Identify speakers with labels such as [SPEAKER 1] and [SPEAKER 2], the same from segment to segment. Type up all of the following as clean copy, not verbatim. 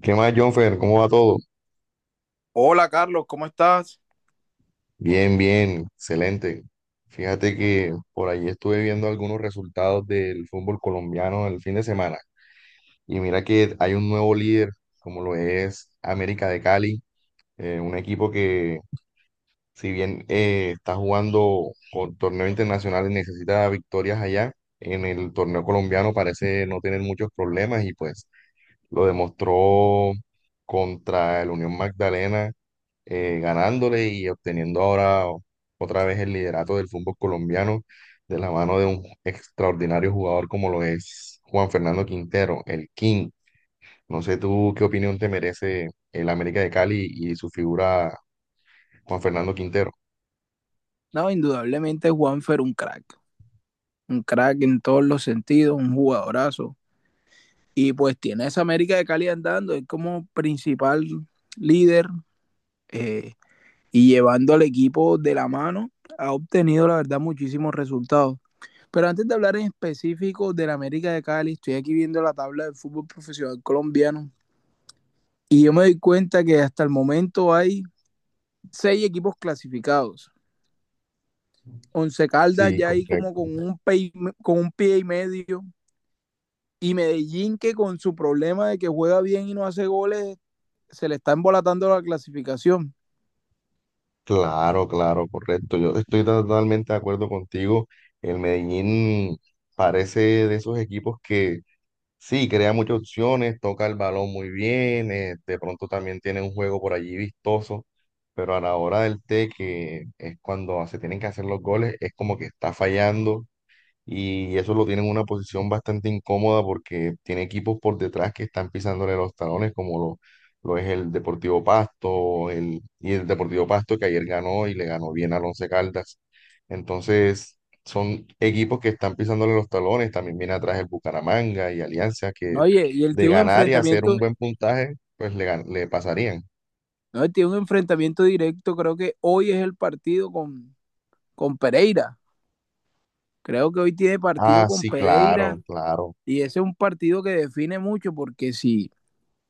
[SPEAKER 1] ¿Qué más, Jonfer? ¿Cómo va todo?
[SPEAKER 2] Hola Carlos, ¿cómo estás?
[SPEAKER 1] Bien, bien, excelente. Fíjate que por ahí estuve viendo algunos resultados del fútbol colombiano el fin de semana. Y mira que hay un nuevo líder, como lo es América de Cali, un equipo que, si bien está jugando con torneo internacional y necesita victorias allá, en el torneo colombiano parece no tener muchos problemas y pues lo demostró contra el Unión Magdalena, ganándole y obteniendo ahora otra vez el liderato del fútbol colombiano de la mano de un extraordinario jugador como lo es Juan Fernando Quintero, el King. No sé tú qué opinión te merece el América de Cali y su figura Juan Fernando Quintero.
[SPEAKER 2] No, indudablemente Juanfer un crack en todos los sentidos, un jugadorazo. Y pues tiene a esa América de Cali andando, es como principal líder eh, y llevando al equipo de la mano, ha obtenido la verdad muchísimos resultados. Pero antes de hablar en específico de la América de Cali, estoy aquí viendo la tabla del fútbol profesional colombiano y yo me doy cuenta que hasta el momento hay seis equipos clasificados. Once Caldas
[SPEAKER 1] Sí,
[SPEAKER 2] ya ahí como
[SPEAKER 1] correcto.
[SPEAKER 2] con pie, con un pie y medio. Y Medellín que con su problema de que juega bien y no hace goles, se le está embolatando la clasificación.
[SPEAKER 1] Claro, claro, correcto. Yo estoy totalmente de acuerdo contigo. El Medellín parece de esos equipos que, sí, crea muchas opciones, toca el balón muy bien, de pronto también tiene un juego por allí vistoso, pero a la hora del té, que es cuando se tienen que hacer los goles, es como que está fallando y eso lo tiene en una posición bastante incómoda porque tiene equipos por detrás que están pisándole los talones, como lo es el Deportivo Pasto, y el Deportivo Pasto que ayer ganó y le ganó bien al Once Caldas. Entonces, son equipos que están pisándole los talones, también viene atrás el Bucaramanga y Alianza que
[SPEAKER 2] Oye, y él
[SPEAKER 1] de
[SPEAKER 2] tiene un
[SPEAKER 1] ganar y hacer un
[SPEAKER 2] enfrentamiento,
[SPEAKER 1] buen puntaje, pues le pasarían.
[SPEAKER 2] no, él tiene un enfrentamiento directo, creo que hoy es el partido con Pereira. Creo que hoy tiene partido
[SPEAKER 1] Ah,
[SPEAKER 2] con
[SPEAKER 1] sí, claro,
[SPEAKER 2] Pereira
[SPEAKER 1] claro.
[SPEAKER 2] y ese es un partido que define mucho porque si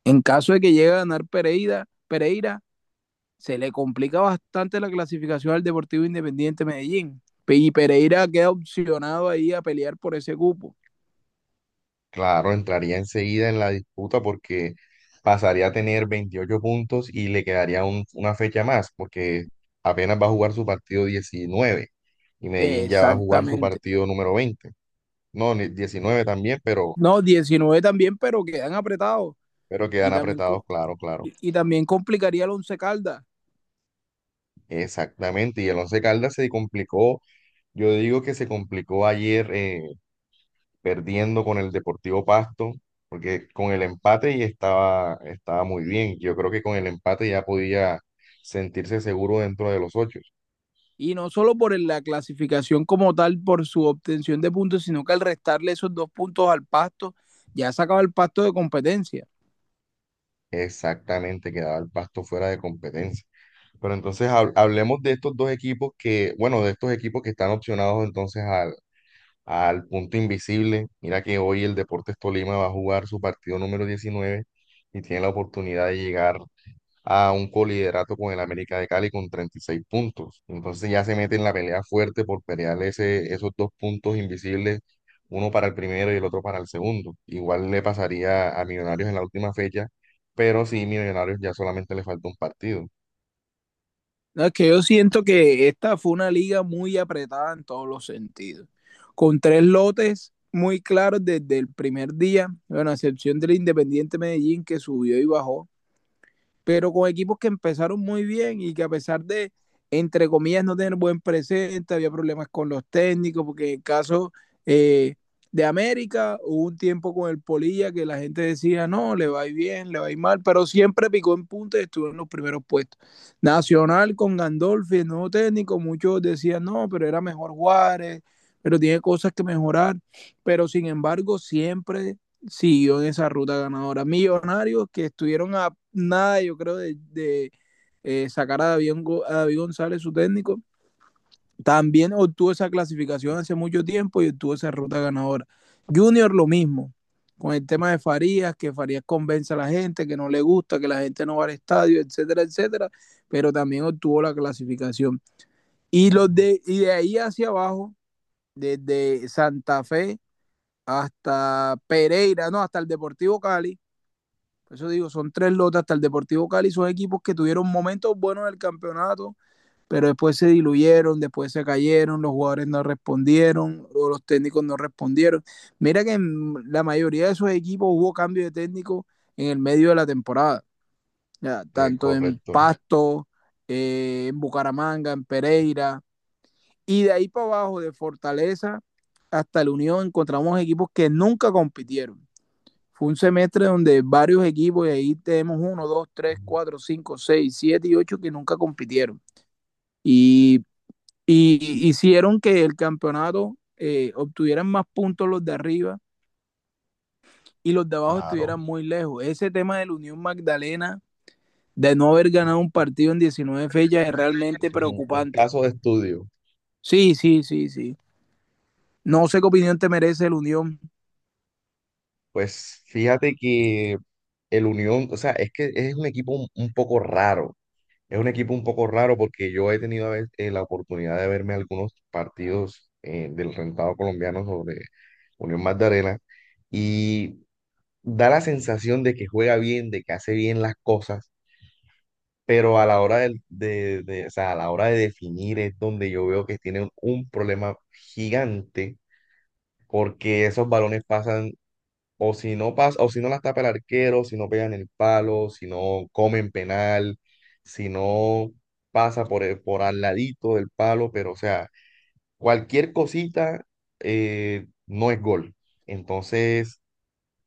[SPEAKER 2] en caso de que llegue a ganar Pereira, Pereira se le complica bastante la clasificación al Deportivo Independiente Medellín. Y Pereira queda opcionado ahí a pelear por ese cupo.
[SPEAKER 1] Claro, entraría enseguida en la disputa porque pasaría a tener 28 puntos y le quedaría una fecha más porque apenas va a jugar su partido 19 y Medellín ya va a jugar su
[SPEAKER 2] Exactamente.
[SPEAKER 1] partido número 20. No, 19 también, pero,
[SPEAKER 2] No, 19 también, pero quedan apretados.
[SPEAKER 1] pero
[SPEAKER 2] Y
[SPEAKER 1] quedan
[SPEAKER 2] también,
[SPEAKER 1] apretados, claro, claro.
[SPEAKER 2] y también complicaría el Once Caldas.
[SPEAKER 1] Exactamente. Y el Once Caldas se complicó, yo digo que se complicó ayer, perdiendo con el Deportivo Pasto, porque con el empate y estaba muy bien. Yo creo que con el empate ya podía sentirse seguro dentro de los ocho.
[SPEAKER 2] Y no solo por la clasificación como tal, por su obtención de puntos, sino que al restarle esos dos puntos al Pasto, ya sacaba el Pasto de competencia.
[SPEAKER 1] Exactamente, quedaba el Pasto fuera de competencia. Pero entonces hablemos de estos dos equipos que, bueno, de estos equipos que están opcionados entonces al punto invisible. Mira que hoy el Deportes Tolima va a jugar su partido número 19 y tiene la oportunidad de llegar a un coliderato con el América de Cali con 36 puntos. Entonces ya se mete en la pelea fuerte por pelear esos dos puntos invisibles, uno para el primero y el otro para el segundo. Igual le pasaría a Millonarios en la última fecha, pero sí, Millonarios ya solamente le falta un partido.
[SPEAKER 2] No, es que yo siento que esta fue una liga muy apretada en todos los sentidos, con tres lotes muy claros desde el primer día, bueno, a excepción del Independiente Medellín que subió y bajó, pero con equipos que empezaron muy bien y que a pesar de, entre comillas, no tener buen presente, había problemas con los técnicos, porque en el caso eh, de América hubo un tiempo con el Polilla que la gente decía, no, le va a ir bien, le va a ir mal, pero siempre picó en punta y estuvo en los primeros puestos. Nacional con Gandolfi, el nuevo técnico, muchos decían, no, pero era mejor Juárez, pero tiene cosas que mejorar, pero sin embargo siempre siguió en esa ruta ganadora. Millonarios que estuvieron a nada, yo creo, de sacar a David González, su técnico, también obtuvo esa clasificación hace mucho tiempo y obtuvo esa ruta ganadora. Junior lo mismo, con el tema de Farías, que Farías convence a la gente, que no le gusta, que la gente no va al estadio, etcétera, etcétera, pero también obtuvo la clasificación. Y, los de, y de ahí hacia abajo, desde Santa Fe hasta Pereira, no, hasta el Deportivo Cali, por eso digo, son tres lotas hasta el Deportivo Cali, son equipos que tuvieron momentos buenos en el campeonato, pero después se diluyeron, después se cayeron, los jugadores no respondieron, o los técnicos no respondieron. Mira que en la mayoría de esos equipos hubo cambio de técnico en el medio de la temporada, ya,
[SPEAKER 1] Es
[SPEAKER 2] tanto en
[SPEAKER 1] correcto,
[SPEAKER 2] Pasto, en Bucaramanga, en Pereira, y de ahí para abajo, de Fortaleza hasta la Unión, encontramos equipos que nunca compitieron. Fue un semestre donde varios equipos, y ahí tenemos uno, dos, tres, cuatro, cinco, seis, siete y ocho que nunca compitieron. Y, y hicieron que el campeonato obtuvieran más puntos los de arriba y los de abajo
[SPEAKER 1] claro.
[SPEAKER 2] estuvieran muy lejos. Ese tema de la Unión Magdalena, de no haber ganado un partido en 19 fechas, es
[SPEAKER 1] Eso
[SPEAKER 2] realmente
[SPEAKER 1] es un
[SPEAKER 2] preocupante.
[SPEAKER 1] caso de estudio.
[SPEAKER 2] Sí, sí, sí, sí. No sé qué opinión te merece la Unión.
[SPEAKER 1] Pues fíjate que el Unión, o sea, es que es un equipo un poco raro. Es un equipo un poco raro porque yo he tenido a veces, la oportunidad de verme algunos partidos, del rentado colombiano sobre Unión Magdalena y da la sensación de que juega bien, de que hace bien las cosas, pero a la hora o sea, a la hora de definir es donde yo veo que tienen un problema gigante porque esos balones pasan o si no pasa, o si no la tapa el arquero, si no pegan el palo, si no comen penal, si no pasa por al ladito del palo, pero o sea, cualquier cosita, no es gol. Entonces,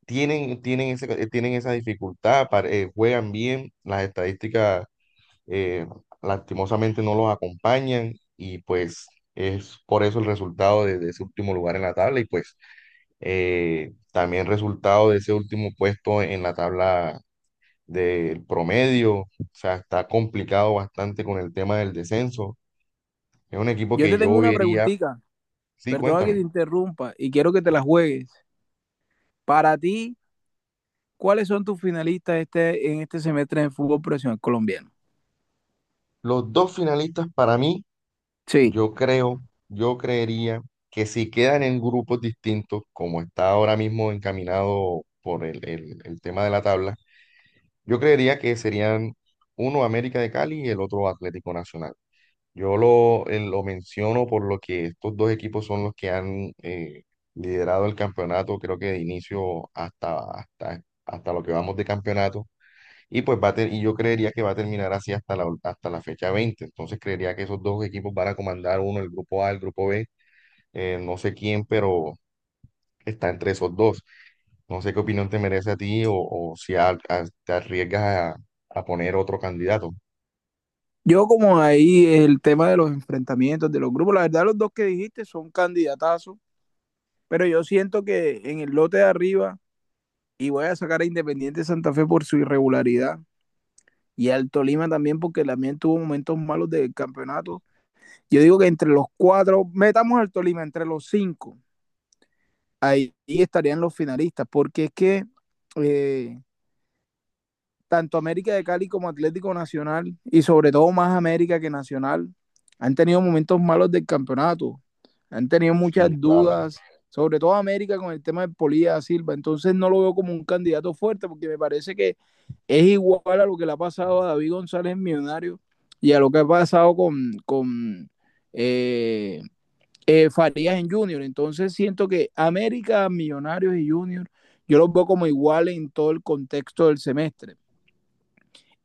[SPEAKER 1] tienen esa dificultad, juegan bien, las estadísticas, eh, lastimosamente no los acompañan y pues es por eso el resultado de ese último lugar en la tabla y pues, también resultado de ese último puesto en la tabla del promedio, o sea, está complicado bastante con el tema del descenso. Es un equipo
[SPEAKER 2] Yo
[SPEAKER 1] que
[SPEAKER 2] te tengo
[SPEAKER 1] yo
[SPEAKER 2] una
[SPEAKER 1] vería,
[SPEAKER 2] preguntita,
[SPEAKER 1] sí,
[SPEAKER 2] perdona que te
[SPEAKER 1] cuéntame.
[SPEAKER 2] interrumpa, y quiero que te la juegues. Para ti, ¿cuáles son tus finalistas este, en este semestre en el fútbol profesional colombiano?
[SPEAKER 1] Los dos finalistas para mí,
[SPEAKER 2] Sí.
[SPEAKER 1] yo creo, yo creería que si quedan en grupos distintos, como está ahora mismo encaminado por el tema de la tabla, yo creería que serían uno América de Cali y el otro Atlético Nacional. Yo lo menciono por lo que estos dos equipos son los que han liderado el campeonato, creo que de inicio hasta lo que vamos de campeonato. Y pues y yo creería que va a terminar así hasta la fecha 20. Entonces creería que esos dos equipos van a comandar uno, el grupo A, el grupo B. No sé quién, pero está entre esos dos. No sé qué opinión te merece a ti o si te arriesgas a poner otro candidato.
[SPEAKER 2] Yo como ahí el tema de los enfrentamientos, de los grupos, la verdad los dos que dijiste son candidatazos, pero yo siento que en el lote de arriba, y voy a sacar a Independiente Santa Fe por su irregularidad, y al Tolima también porque también tuvo momentos malos del campeonato, yo digo que entre los cuatro, metamos al Tolima entre los cinco, ahí, estarían los finalistas, porque es que eh, tanto América de Cali como Atlético Nacional, y sobre todo más América que Nacional, han tenido momentos malos del campeonato, han tenido muchas
[SPEAKER 1] Sí, claro.
[SPEAKER 2] dudas, sobre todo América con el tema de Polilla Silva, entonces no lo veo como un candidato fuerte porque me parece que es igual a lo que le ha pasado a David González en Millonarios y a lo que ha pasado con eh, Farías en Junior, entonces siento que América, Millonarios y Junior yo los veo como iguales en todo el contexto del semestre.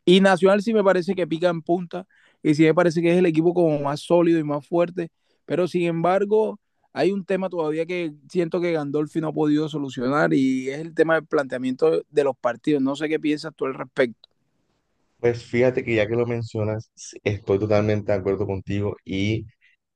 [SPEAKER 2] Y Nacional sí me parece que pica en punta y sí me parece que es el equipo como más sólido y más fuerte, pero sin embargo hay un tema todavía que siento que Gandolfi no ha podido solucionar y es el tema del planteamiento de los partidos. No sé qué piensas tú al respecto.
[SPEAKER 1] Pues fíjate que ya que lo mencionas, sí, estoy totalmente de acuerdo contigo y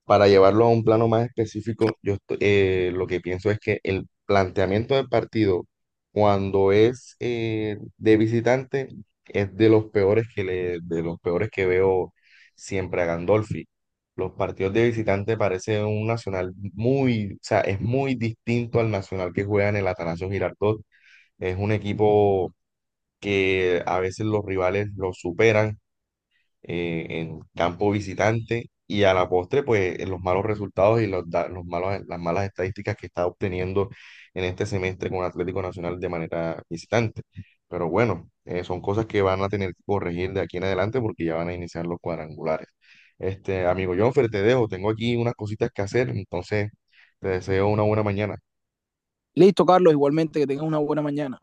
[SPEAKER 1] para llevarlo a un plano más específico, yo lo que pienso es que el planteamiento del partido cuando es, de visitante es de los peores que veo siempre a Gandolfi. Los partidos de visitante parecen un Nacional muy, o sea, es muy distinto al Nacional que juega en el Atanasio Girardot. Es un equipo que a veces los rivales lo superan, en campo visitante y a la postre, pues los malos resultados y los, da- los malos, las malas estadísticas que está obteniendo en este semestre con Atlético Nacional de manera visitante. Pero bueno, son cosas que van a tener que corregir de aquí en adelante porque ya van a iniciar los cuadrangulares. Este, amigo Jonfer, te dejo, tengo aquí unas cositas que hacer, entonces te deseo una buena mañana.
[SPEAKER 2] Listo, Carlos, igualmente que tengas una buena mañana.